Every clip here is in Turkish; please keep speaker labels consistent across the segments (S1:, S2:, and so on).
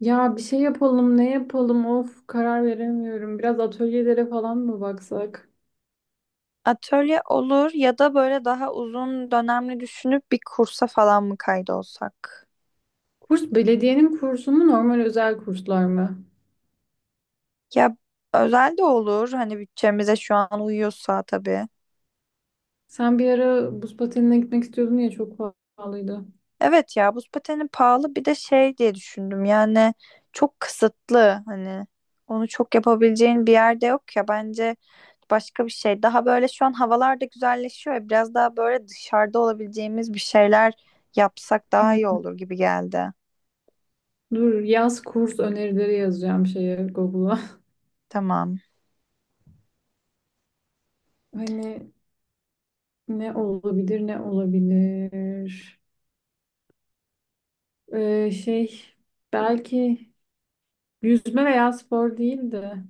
S1: Ya bir şey yapalım, ne yapalım? Of, karar veremiyorum. Biraz atölyelere falan mı baksak?
S2: Atölye olur ya da böyle daha uzun dönemli düşünüp bir kursa falan mı kaydolsak?
S1: Kurs belediyenin kursu mu, normal özel kurslar mı?
S2: Ya özel de olur hani bütçemize şu an uyuyorsa tabii.
S1: Sen bir ara buz patenine gitmek istiyordun ya çok pahalıydı.
S2: Evet ya buz pateni pahalı bir de şey diye düşündüm yani çok kısıtlı hani onu çok yapabileceğin bir yerde yok ya bence başka bir şey. Daha böyle şu an havalar da güzelleşiyor ya biraz daha böyle dışarıda olabileceğimiz bir şeyler yapsak daha iyi
S1: Hmm.
S2: olur gibi geldi.
S1: Dur, yaz kurs önerileri yazacağım şeye Google'a.
S2: Tamam.
S1: Hani ne olabilir, ne olabilir? Şey belki yüzme veya spor değil de.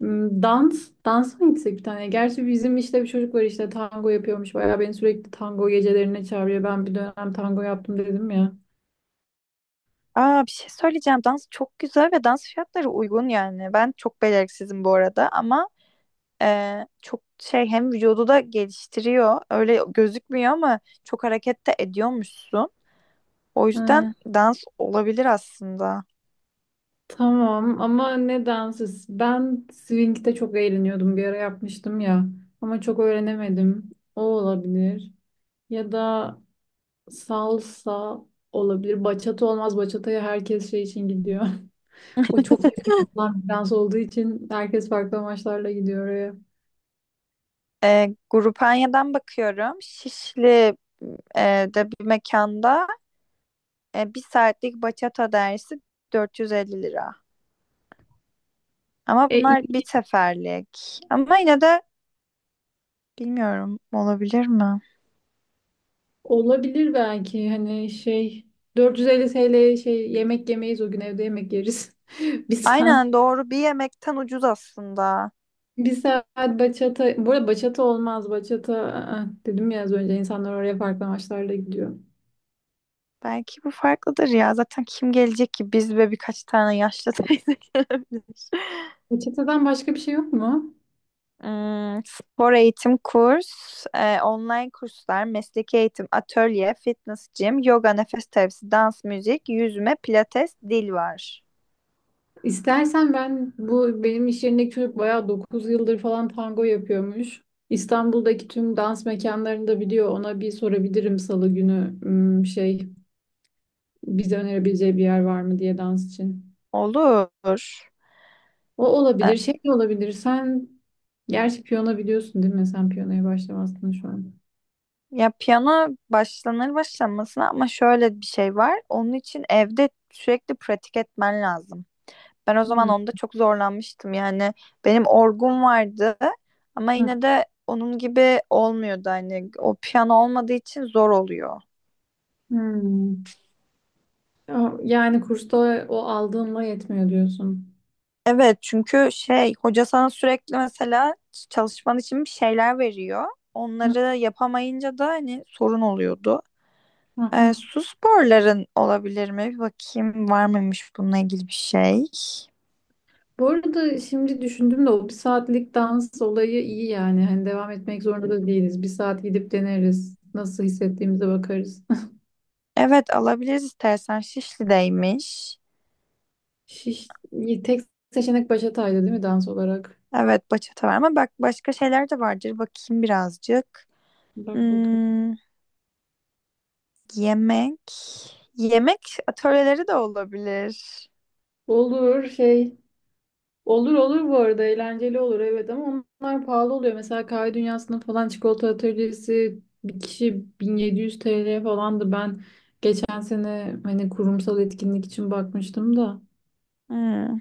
S1: Hmm, dans, dansa mı gitsek bir tane? Gerçi bizim işte bir çocuk var işte tango yapıyormuş. Bayağı beni sürekli tango gecelerine çağırıyor. Ben bir dönem tango yaptım dedim ya.
S2: Aa, bir şey söyleyeceğim. Dans çok güzel ve dans fiyatları uygun yani. Ben çok beceriksizim bu arada ama çok şey hem vücudu da geliştiriyor. Öyle gözükmüyor ama çok hareket de ediyormuşsun. O yüzden
S1: Ha,
S2: dans olabilir aslında.
S1: tamam ama ne dansı? Ben swing'de çok eğleniyordum. Bir ara yapmıştım ya. Ama çok öğrenemedim. O olabilir. Ya da salsa olabilir. Bachata olmaz. Bachata'ya herkes şey için gidiyor. O çok yakın yapılan bir dans olduğu için herkes farklı amaçlarla gidiyor oraya.
S2: Grupanya'dan bakıyorum. Şişli de bir mekanda bir saatlik bachata dersi 450 lira. Ama
S1: E,
S2: bunlar bir seferlik. Ama yine de bilmiyorum olabilir mi?
S1: Olabilir belki hani şey 450 TL, şey, yemek yemeyiz o gün, evde yemek yeriz. Bir saat
S2: Aynen doğru bir yemekten ucuz aslında.
S1: bir saat bachata, bu arada bachata olmaz, bachata, aa, dedim ya az önce, insanlar oraya farklı amaçlarla gidiyor.
S2: Belki bu farklıdır ya. Zaten kim gelecek ki? Biz ve birkaç tane yaşlı teyze gelebilir.
S1: Bachata'dan başka bir şey yok mu?
S2: Hmm, spor eğitim kurs, online kurslar, mesleki eğitim, atölye, fitness gym, yoga, nefes terapisi, dans, müzik, yüzme, pilates, dil var.
S1: İstersen ben, bu benim iş yerindeki çocuk bayağı 9 yıldır falan tango yapıyormuş. İstanbul'daki tüm dans mekanlarını da biliyor. Ona bir sorabilirim salı günü, bize önerebileceği bir yer var mı diye dans için.
S2: Olur.
S1: O
S2: Ee,
S1: olabilir, şey de olabilir. Sen gerçi piyano biliyorsun değil mi? Sen piyanoya başlamazsın şu an.
S2: Ya piyano başlanır başlanmasına ama şöyle bir şey var. Onun için evde sürekli pratik etmen lazım. Ben o zaman
S1: Hmm.
S2: onda çok zorlanmıştım. Yani benim orgum vardı ama
S1: Hı.
S2: yine de onun gibi olmuyordu. Hani o piyano olmadığı için zor oluyor.
S1: Hmm. Yani kursta o aldığınla yetmiyor diyorsun.
S2: Evet çünkü şey hoca sana sürekli mesela çalışman için bir şeyler veriyor.
S1: Hı.
S2: Onları yapamayınca da hani sorun oluyordu.
S1: Hı.
S2: Su sporların olabilir mi? Bir bakayım var mıymış bununla ilgili bir şey.
S1: Bu arada şimdi düşündüm de o bir saatlik dans olayı iyi yani. Hani devam etmek zorunda da değiliz. Bir saat gidip deneriz. Nasıl hissettiğimize bakarız.
S2: Evet alabiliriz istersen. Şişli'deymiş.
S1: Şiş, tek seçenek Başatay'dı değil mi dans olarak?
S2: Evet bachata var ama bak başka şeyler de vardır. Bakayım birazcık.
S1: Bak bakalım.
S2: Hmm, yemek. Yemek Atölyeleri de olabilir.
S1: Olur şey Olur, olur, bu arada eğlenceli olur. Evet, ama onlar pahalı oluyor. Mesela kahve dünyasında falan çikolata atölyesi bir kişi 1700 TL falandı. Ben geçen sene hani kurumsal etkinlik için bakmıştım da.
S2: Hmm.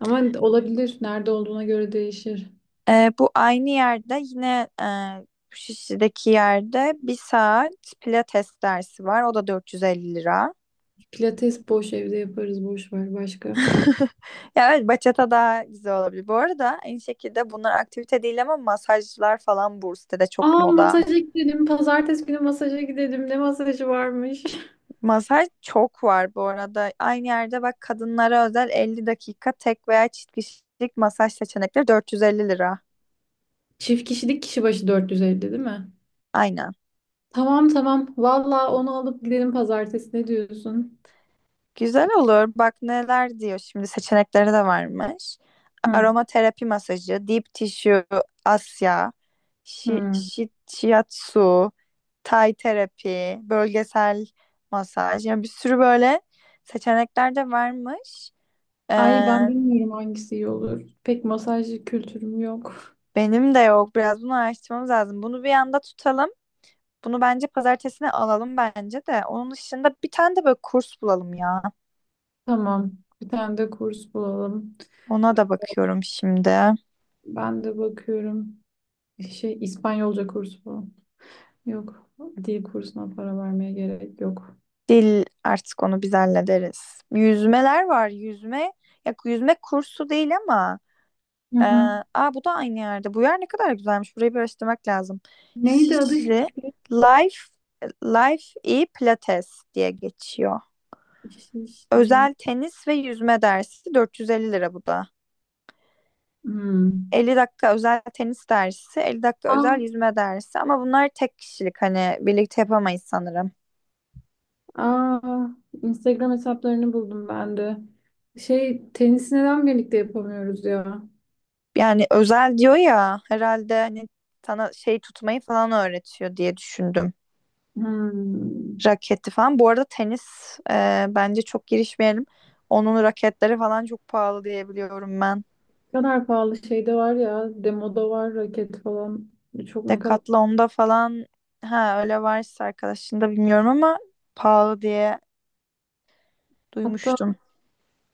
S1: Ama olabilir. Nerede olduğuna göre değişir.
S2: Bu aynı yerde yine Şişli'deki yerde bir saat pilates dersi var. O da 450 lira.
S1: Pilates boş, evde yaparız, boş ver başka.
S2: Ya evet bachata daha güzel olabilir. Bu arada aynı şekilde bunlar aktivite değil ama masajlar falan bu sitede çok
S1: Aa,
S2: moda.
S1: masaja gidelim. Pazartesi günü masaja gidelim. Ne masajı varmış?
S2: Masaj çok var bu arada. Aynı yerde bak kadınlara özel 50 dakika tek veya çift kişilik masaj seçenekleri 450 lira.
S1: Çift kişilik kişi başı 450 değil mi?
S2: Aynen.
S1: Tamam, tamam. Valla onu alıp gidelim pazartesi. Ne diyorsun?
S2: Güzel olur. Bak neler diyor şimdi seçenekleri de varmış.
S1: Hı.
S2: Aromaterapi masajı, deep tissue, Asya,
S1: Hmm.
S2: shiatsu, Thai terapi, bölgesel masaj. Yani bir sürü böyle seçenekler de varmış.
S1: Ay, ben
S2: Ee,
S1: bilmiyorum hangisi iyi olur. Pek masaj kültürüm yok.
S2: Benim de yok. Biraz bunu araştırmamız lazım. Bunu bir anda tutalım. Bunu bence pazartesine alalım bence de. Onun dışında bir tane de böyle kurs bulalım ya.
S1: Tamam. Bir tane de kurs bulalım.
S2: Ona da bakıyorum şimdi.
S1: Ben de bakıyorum. Şey, İspanyolca kursu bu. Yok. Dil kursuna para vermeye gerek yok.
S2: Dil artık onu biz hallederiz. Yüzmeler var. Yüzme ya yüzme kursu değil ama
S1: Hı
S2: e,
S1: hı.
S2: aa bu da aynı yerde. Bu yer ne kadar güzelmiş. Burayı bir araştırmak lazım.
S1: Neydi adı?
S2: Şişli Life Pilates diye geçiyor.
S1: Şiş-
S2: Özel tenis ve yüzme dersi 450 lira bu da.
S1: Hmm.
S2: 50 dakika özel tenis dersi, 50 dakika
S1: Aa,
S2: özel yüzme dersi ama bunlar tek kişilik hani birlikte yapamayız sanırım.
S1: aa, Instagram hesaplarını buldum ben de. Şey tenisi neden birlikte yapamıyoruz ya?
S2: Yani özel diyor ya herhalde hani sana şey tutmayı falan öğretiyor diye düşündüm.
S1: Hmm.
S2: Raketi falan. Bu arada tenis bence çok girişmeyelim. Onun raketleri falan çok pahalı diye biliyorum ben.
S1: Ne kadar pahalı şey de var ya. Demoda var raket falan. Çok, ne kadar.
S2: Decathlon'da falan ha öyle varsa arkadaşında bilmiyorum ama pahalı diye
S1: Hatta
S2: duymuştum.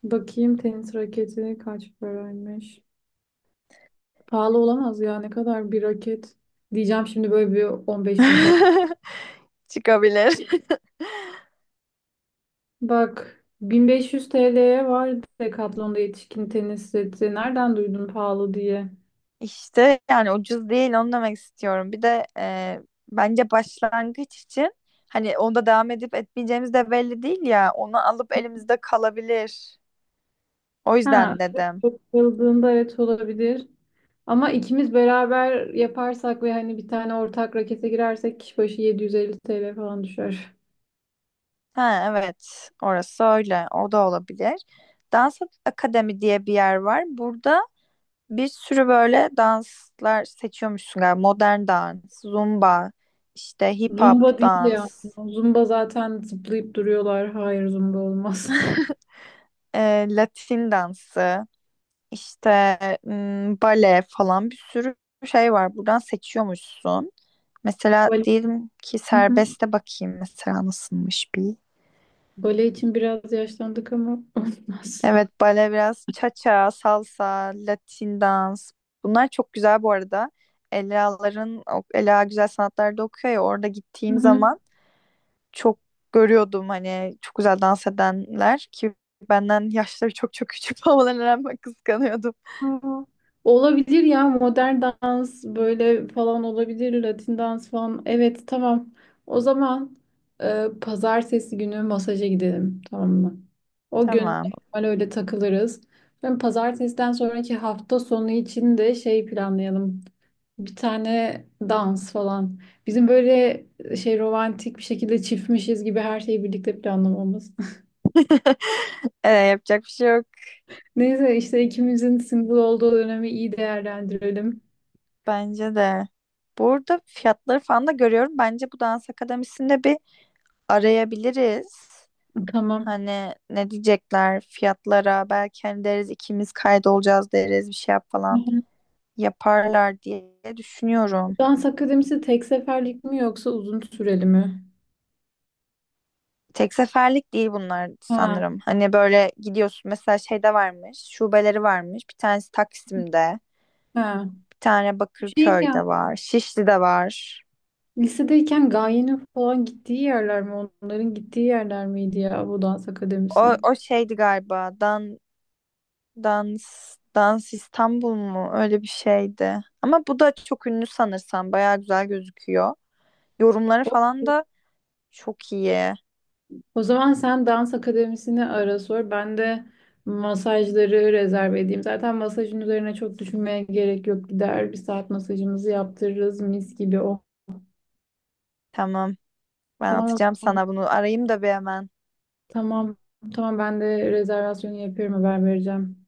S1: bakayım tenis raketi kaç paraymış. Pahalı olamaz ya, ne kadar bir raket. Diyeceğim şimdi, böyle bir 15 bin falan.
S2: Çıkabilir.
S1: Bak, 1500 TL'ye var Decathlon'da yetişkin tenis seti. Nereden duydun pahalı diye?
S2: İşte yani ucuz değil onu demek istiyorum. Bir de bence başlangıç için hani onda devam edip etmeyeceğimiz de belli değil ya. Onu alıp elimizde kalabilir. O
S1: Ha,
S2: yüzden dedim.
S1: bakıldığında evet olabilir. Ama ikimiz beraber yaparsak ve hani bir tane ortak rakete girersek kişi başı 750 TL falan düşer.
S2: Ha evet orası öyle o da olabilir. Dans Akademi diye bir yer var. Burada bir sürü böyle danslar seçiyormuşsun galiba. Modern dans, zumba, işte hip hop
S1: Zumba değil
S2: dans,
S1: yani. Zumba zaten zıplayıp duruyorlar. Hayır, zumba olmaz.
S2: Latin dansı. İşte bale falan bir sürü şey var. Buradan seçiyormuşsun. Mesela
S1: Bale.
S2: diyelim ki
S1: Hı hı.
S2: serbeste bakayım mesela nasılmış bir.
S1: Bale için biraz yaşlandık ama olmaz.
S2: Evet bale biraz cha-cha, salsa, Latin dans. Bunlar çok güzel bu arada. Ela'ların, Ela Güzel Sanatlar'da okuyor ya orada
S1: Hı
S2: gittiğim
S1: hı.
S2: zaman çok görüyordum hani çok güzel dans edenler ki benden yaşları çok küçük olmalarına rağmen kıskanıyordum.
S1: Aa, olabilir ya, modern dans böyle falan olabilir. Latin dans falan. Evet, tamam. O zaman pazartesi günü masaja gidelim. Tamam mı? O gün
S2: Tamam.
S1: normal öyle takılırız. Ben, pazartesiden sonraki hafta sonu için de şey planlayalım. Bir tane dans falan. Bizim böyle romantik bir şekilde çiftmişiz gibi her şeyi birlikte planlamamız.
S2: Yapacak bir şey yok.
S1: Neyse işte ikimizin single olduğu dönemi iyi değerlendirelim.
S2: Bence de. Burada fiyatları falan da görüyorum. Bence bu dans akademisinde bir arayabiliriz.
S1: Tamam.
S2: Hani ne diyecekler fiyatlara belki hani deriz ikimiz kaydolacağız deriz bir şey yap falan yaparlar diye düşünüyorum.
S1: Dans akademisi tek seferlik mi yoksa uzun süreli mi?
S2: Tek seferlik değil bunlar
S1: Ha,
S2: sanırım. Hani böyle gidiyorsun mesela şeyde varmış, şubeleri varmış. Bir tanesi Taksim'de,
S1: ha.
S2: bir tane
S1: Şey ya,
S2: Bakırköy'de var, Şişli'de var.
S1: lisedeyken Gaye'nin falan gittiği yerler mi? Onların gittiği yerler miydi ya bu dans akademisi?
S2: O, o şeydi galiba. Dans, Dans İstanbul mu? Öyle bir şeydi. Ama bu da çok ünlü sanırsam. Bayağı güzel gözüküyor. Yorumları falan da çok iyi.
S1: O zaman sen dans akademisini ara sor. Ben de masajları rezerv edeyim. Zaten masajın üzerine çok düşünmeye gerek yok. Gider bir saat masajımızı yaptırırız mis gibi. Oh,
S2: Tamam. Ben
S1: tamam o
S2: atacağım
S1: zaman.
S2: sana bunu. Arayayım da bir hemen.
S1: Tamam, tamam, ben de rezervasyonu yapıyorum, haber vereceğim.